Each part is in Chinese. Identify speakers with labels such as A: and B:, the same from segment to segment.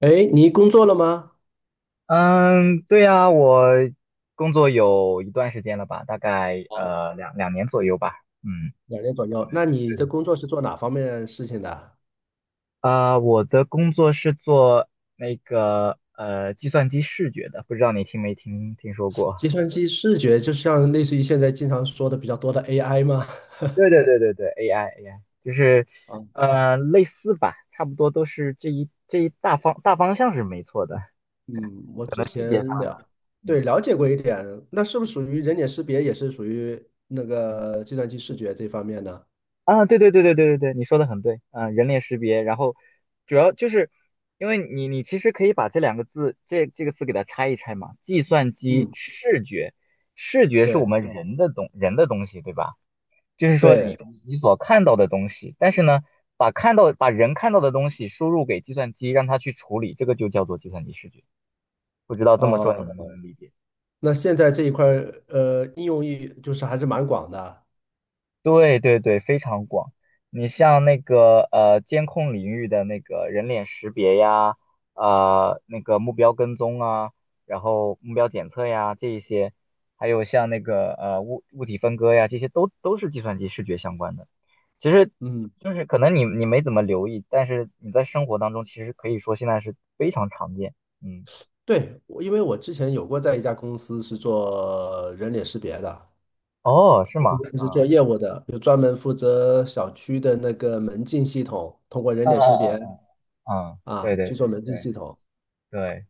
A: 哎，你工作了吗？
B: 嗯，对呀，我工作有一段时间了吧，大概
A: 哦，
B: 两年左右吧。嗯，
A: 两年左右。那你
B: 对
A: 的
B: 的，
A: 工作是做哪方面的事情的？
B: 啊，我的工作是做那个计算机视觉的，不知道你听没听说过？
A: 计算机视觉，就像类似于现在经常说的比较多的 AI 吗？
B: 对对 对对对，AI AI 就是
A: 啊，
B: 类似吧，差不多都是这一大方向是没错的，
A: 嗯，我
B: 可
A: 之
B: 能细节上
A: 前了，
B: 呢。
A: 对，了解过一点。那是不是属于人脸识别，也是属于那个计算机视觉这方面呢？
B: 啊，对对对对对对对，你说的很对，嗯，人脸识别，然后主要就是因为你其实可以把这两个字这个词给它拆一拆嘛，计算机
A: 嗯，
B: 视觉，视觉是我
A: 对
B: 们人的东西，对吧？就是说你
A: 对，
B: 你所看到的东西，但是呢，把人看到的东西输入给计算机，让它去处理，这个就叫做计算机视觉。不知道这么说
A: 哦，
B: 你能不能理解？
A: 那现在这一块儿应用域就是还是蛮广的。
B: 对对对，非常广。你像那个监控领域的那个人脸识别呀，那个目标跟踪啊，然后目标检测呀，这一些，还有像那个物体分割呀，这些都是计算机视觉相关的。其实
A: 嗯，
B: 就是可能你没怎么留意，但是你在生活当中其实可以说现在是非常常见。嗯，
A: 对，因为我之前有过在一家公司是做人脸识别的。
B: 哦，是吗？
A: 就是做
B: 啊，
A: 业务的，有专门负责小区的那个门禁系统，通过人
B: 嗯
A: 脸识
B: 嗯
A: 别
B: 嗯嗯嗯，对
A: 啊
B: 对
A: 去
B: 对
A: 做门禁
B: 对
A: 系统。
B: 对。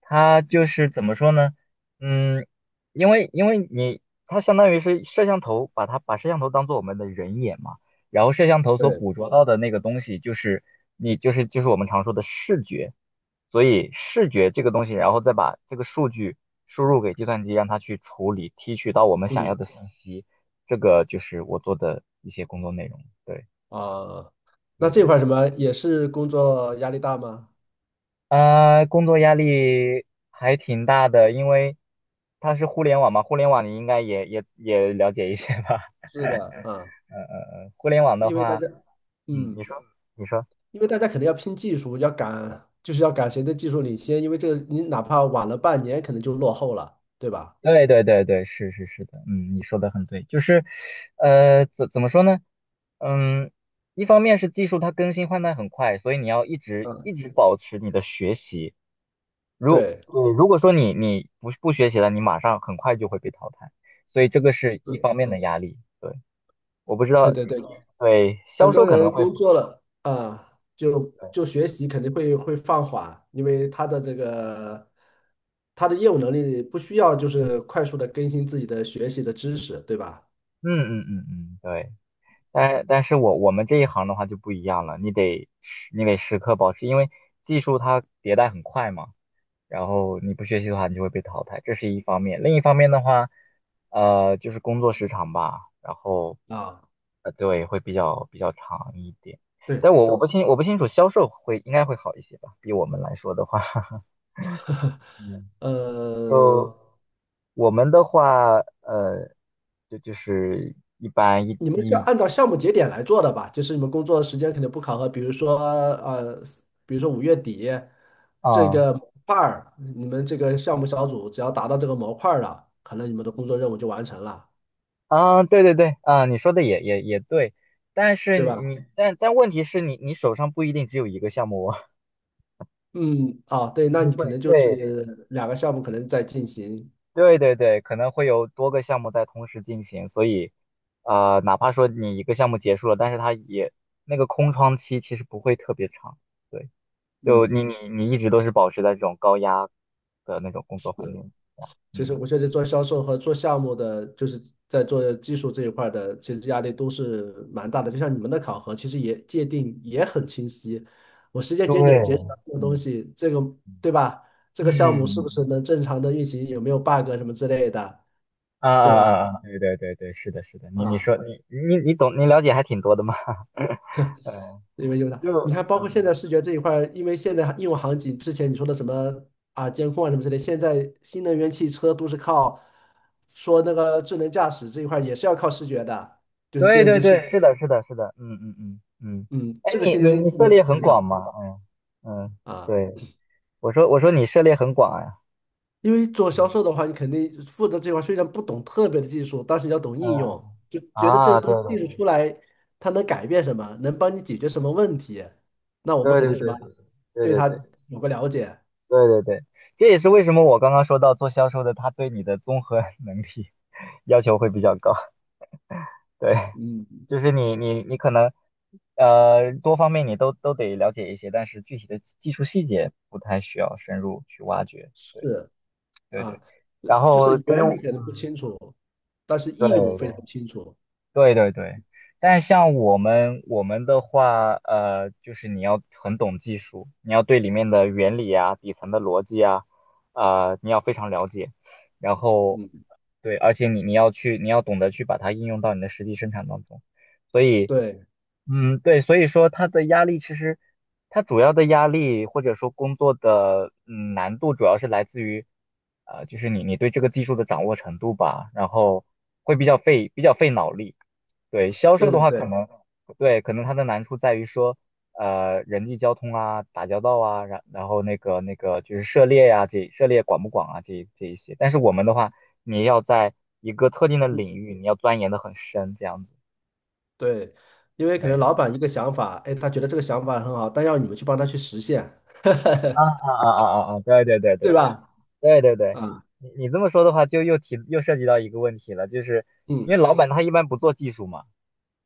B: 它就是怎么说呢？嗯，因为它相当于是摄像头，把摄像头当做我们的人眼嘛，然后摄像头所
A: 对，
B: 捕捉到的那个东西就是就是我们常说的视觉，所以视觉这个东西，然后再把这个数据输入给计算机，让它去处理提取到我们想要
A: 嗯
B: 的信息，这个就是我做的一些工作内容。对
A: 啊，那
B: 对
A: 这
B: 对。
A: 块儿
B: 对。
A: 什么也是工作压力大吗？
B: 工作压力还挺大的，因为它是互联网嘛，互联网你应该也了解一些吧？
A: 是的啊，
B: 嗯嗯嗯，互联网的
A: 因为大
B: 话，
A: 家，
B: 嗯，
A: 嗯，
B: 你说，
A: 因为大家肯定要拼技术，要赶，就是要赶谁的技术领先，因为这个你哪怕晚了半年，可能就落后了，对吧？
B: 对对对对，是是是的，嗯，你说的很对，就是，怎么说呢？嗯，一方面是技术它更新换代很快，所以你要一直
A: 嗯，
B: 一直保持你的学习。如
A: 对，
B: 如果说你不学习了，你马上很快就会被淘汰，所以这个是一
A: 是，
B: 方面的压力。对。我不知
A: 对
B: 道，
A: 对对，
B: 对，销
A: 很多
B: 售可能
A: 人
B: 会，
A: 工作了啊，就
B: 对，
A: 就学习肯定会放缓，因为他的这个他的业务能力不需要就是快速的更新自己的学习的知识，对吧？
B: 嗯嗯嗯嗯，对，但是我们这一行的话就不一样了，你得时刻保持，因为技术它迭代很快嘛，然后你不学习的话，你就会被淘汰，这是一方面。另一方面的话，就是工作时长吧，然后，
A: 啊，
B: 对，会比较长一点。
A: 对，
B: 但我不清楚销售应该会好一些吧，比我们来说的话，嗯，
A: 呃，
B: 就我们的话，就是一般
A: 你们是按照项目节点来做的吧？就是你们工作时间肯定不考核，比如说比如说五月底这
B: 啊
A: 个模块儿，你们这个项目小组只要达到这个模块儿了，可能你们的工作任务就完成了，
B: 啊，对对对啊，你说的也对，但是
A: 对吧？
B: 你但但问题是你手上不一定只有一个项目哦，
A: 嗯，啊，对，
B: 可
A: 那
B: 能
A: 你可
B: 会，
A: 能就
B: 对
A: 是两个项目可能在进行，
B: 对对对，可能会有多个项目在同时进行，所以哪怕说你一个项目结束了，但是它也那个空窗期其实不会特别长，对，就你
A: 嗯，
B: 你你一直都是保持在这种高压的那种工作
A: 是，
B: 环境下，
A: 其实
B: 嗯
A: 我觉得做销售和做项目的，就是在做技术这一块儿的，其实压力都是蛮大的。就像你们的考核，其实也界定也很清晰，我时间节
B: 对，
A: 点截止到这个东
B: 嗯。
A: 西，这个对吧？这个项目
B: 嗯，
A: 是不是能正常的运行，有没有 bug 什么之类的，
B: 啊
A: 对
B: 啊
A: 吧？
B: 啊啊，对对对对，是的，是的，你
A: 啊。
B: 说你懂，你了解还挺多的嘛，嗯，
A: 因为用的，你
B: 就
A: 看，包括现
B: 嗯，
A: 在视觉这一块儿，因为现在应用场景之前你说的什么啊，监控啊什么之类，现在新能源汽车都是靠说那个智能驾驶这一块儿也是要靠视觉的，就是计
B: 对
A: 算
B: 对
A: 机视，
B: 对，是的，是的，是的，嗯嗯嗯嗯，
A: 嗯，
B: 哎，
A: 这个
B: 你
A: 竞
B: 你
A: 争
B: 你涉
A: 也
B: 猎
A: 特
B: 很
A: 别大
B: 广嘛，嗯嗯，
A: 啊。
B: 对，我说你涉猎很广呀，
A: 因为做销售的话，你肯定负责这块儿虽然不懂特别的技术，但是你要懂应用，
B: 嗯
A: 就觉得这个
B: 啊，对
A: 东西
B: 对
A: 技术出来，它能改变什么，能帮你解决什么问题，那我们
B: 对
A: 肯
B: 对
A: 定
B: 对
A: 什么
B: 对对
A: 对
B: 对
A: 它
B: 对
A: 有个了解，
B: 对对对，这也是为什么我刚刚说到做销售的，他对你的综合 能力要求会比较高，对，
A: 嗯，
B: 就是你可能多方面你都得了解一些，但是具体的技术细节不太需要深入去挖掘。对
A: 是。
B: 对对，
A: 啊，就
B: 然
A: 就
B: 后
A: 是
B: 对于
A: 原理可能不清楚，但是
B: 对
A: 应用非
B: 对
A: 常清楚。
B: 对对对，但像我们的话，就是你要很懂技术，你要对里面的原理啊、底层的逻辑啊，啊，你要非常了解。然后，
A: 嗯，
B: 对，而且你要懂得去把它应用到你的实际生产当中。所以，
A: 对，
B: 嗯，对，所以说它的压力其实，它主要的压力或者说工作的难度主要是来自于，就是你对这个技术的掌握程度吧，然后会比较费脑力。对，销售
A: 对
B: 的
A: 对
B: 话，可
A: 对，
B: 能对，可能它的难处在于说，人际交通啊，打交道啊，然后那个就是涉猎呀、这涉猎广不广啊，这一些。但是我们的话，你要在一个特定的
A: 嗯，
B: 领域，你要钻研的很深，这样子。
A: 对，因为可能
B: 对，
A: 老板一个想法，哎，他觉得这个想法很好，但要你们去帮他去实现，
B: 啊 啊啊啊啊啊！对对对对
A: 对
B: 对
A: 吧？
B: 对对对，
A: 啊，
B: 你这么说的话，就又涉及到一个问题了，就是因为
A: 嗯，
B: 老板他一般不做技术嘛。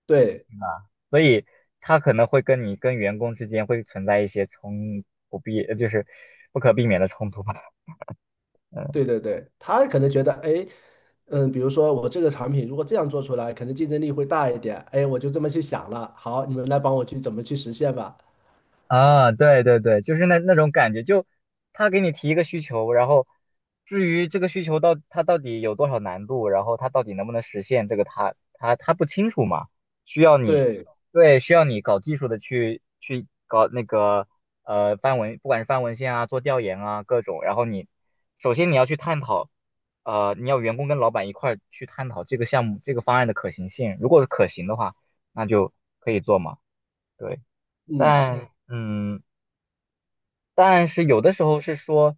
A: 对，
B: 啊，所以他可能会跟员工之间会存在一些冲不必，呃就是不可避免的冲突吧。嗯
A: 对对对，他可能觉得，哎，嗯，比如说我这个产品如果这样做出来，可能竞争力会大一点，哎，我就这么去想了，好，你们来帮我去怎么去实现吧。
B: 啊，对对对，就是那种感觉，就他给你提一个需求，然后至于这个需求他到底有多少难度，然后他到底能不能实现，这个他不清楚嘛，需要你
A: 对，
B: 对需要你搞技术的去搞那个翻文，不管是翻文献啊，做调研啊各种，然后你首先你要去探讨，你要员工跟老板一块儿去探讨这个项目这个方案的可行性，如果是可行的话，那就可以做嘛。对。
A: 嗯。
B: 但嗯，但是有的时候是说，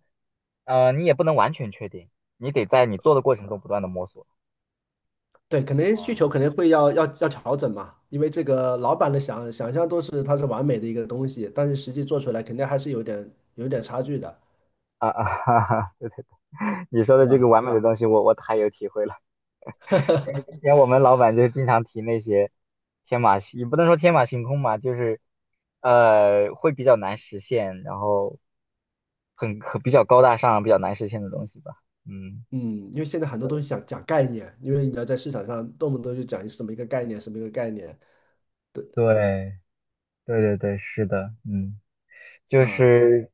B: 你也不能完全确定，你得在你做的过程中不断的摸索。
A: 对，可能需求可能会要调整嘛，因为这个老板的想象都是它是完美的一个东西，但是实际做出来肯定还是有点差距的，
B: 啊啊哈哈，对对，你说
A: 对
B: 的这个
A: 吧？
B: 完美的东西我太有体会了。因为之前我们老板就经常提那些天马行，也不能说天马行空吧，就是会比较难实现，然后比较高大上，比较难实现的东西吧。嗯，
A: 嗯，因为现在很多
B: 对
A: 东西想讲概念，因为你要在市场上动不动就讲什么一个概念，什么一个概念
B: 对对对对，是的，嗯。就
A: 啊，
B: 是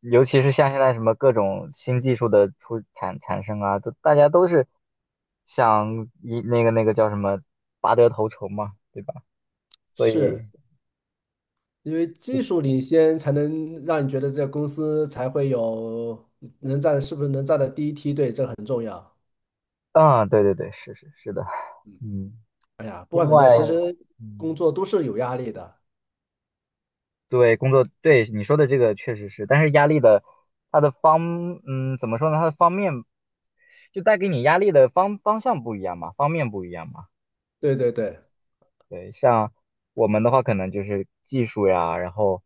B: 尤其是像现在什么各种新技术的产生啊，都大家都是那个叫什么拔得头筹嘛，对吧？所
A: 是
B: 以
A: 因为技术领先才能让你觉得这个公司才会有能站，是不是能站在第一梯队，这很重要。
B: 啊，对对对，是是是的，嗯，
A: 哎呀，不管
B: 另
A: 怎么
B: 外，
A: 样，其实
B: 嗯，
A: 工作都是有压力的。
B: 对工作，对你说的这个确实是，但是压力的它的方，嗯，怎么说呢？它的方面就带给你压力的方向不一样嘛，方面不一样嘛。
A: 对对对，
B: 对，像我们的话，可能就是技术呀，然后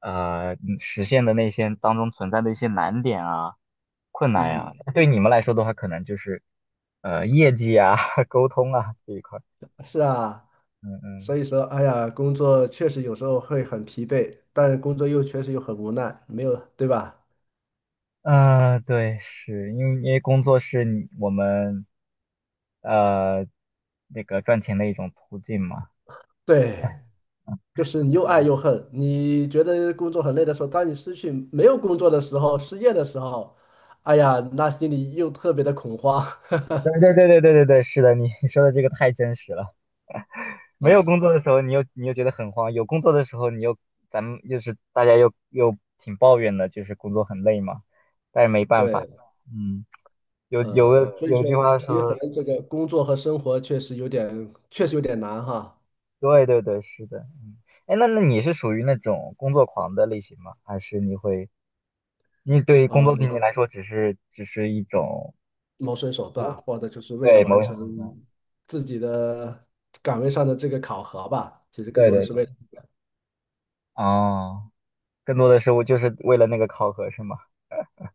B: 实现的那些当中存在的一些难点啊、困难
A: 嗯。
B: 呀，对你们来说的话，可能就是业绩啊、沟通啊这一块。
A: 是啊，
B: 嗯
A: 所以说，哎呀，工作确实有时候会很疲惫，但工作又确实又很无奈，没有，对吧？
B: 嗯，对，是因为工作是我们呃那个赚钱的一种途径嘛。
A: 对，就是你又爱又恨。你觉得工作很累的时候，当你失去没有工作的时候，失业的时候，哎呀，那心里又特别的恐慌
B: 对对对对对对对，是的，你 说的这个太真实了。没有
A: 啊。
B: 工作的时候，你又觉得很慌；有工作的时候，你又咱们又是大家又又挺抱怨的，就是工作很累嘛。但是没办法，
A: 对，
B: 嗯，有有
A: 嗯，
B: 个
A: 所以
B: 有
A: 说
B: 句话
A: 平衡
B: 说，
A: 这个工作和生活确实有点，确实有点难哈。
B: 对对对，是的，嗯，哎，那你是属于那种工作狂的类型吗？还是你对于工作对
A: 呃
B: 你来说只是一种
A: 谋生手段，
B: 无，
A: 或者就是为了
B: 对某
A: 完
B: 种
A: 成
B: 程度
A: 自己的岗位上的这个考核吧。其实更
B: 对
A: 多的
B: 对
A: 是
B: 对，
A: 为了，
B: 哦，更多的是我就是为了那个考核是吗？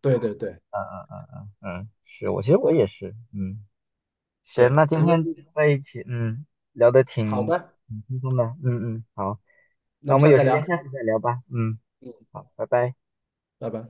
A: 对对对，
B: 嗯嗯嗯嗯嗯，
A: 嗯，
B: 其实我也是，嗯。行，那
A: 对，
B: 今
A: 因为
B: 天在一起，嗯，聊得
A: 好
B: 挺
A: 的，
B: 挺轻松的，嗯嗯，好，
A: 那
B: 那
A: 我
B: 我
A: 们下
B: 们
A: 次
B: 有
A: 再
B: 时
A: 聊，
B: 间下次再聊吧，嗯，
A: 嗯，
B: 好，拜拜。
A: 拜拜。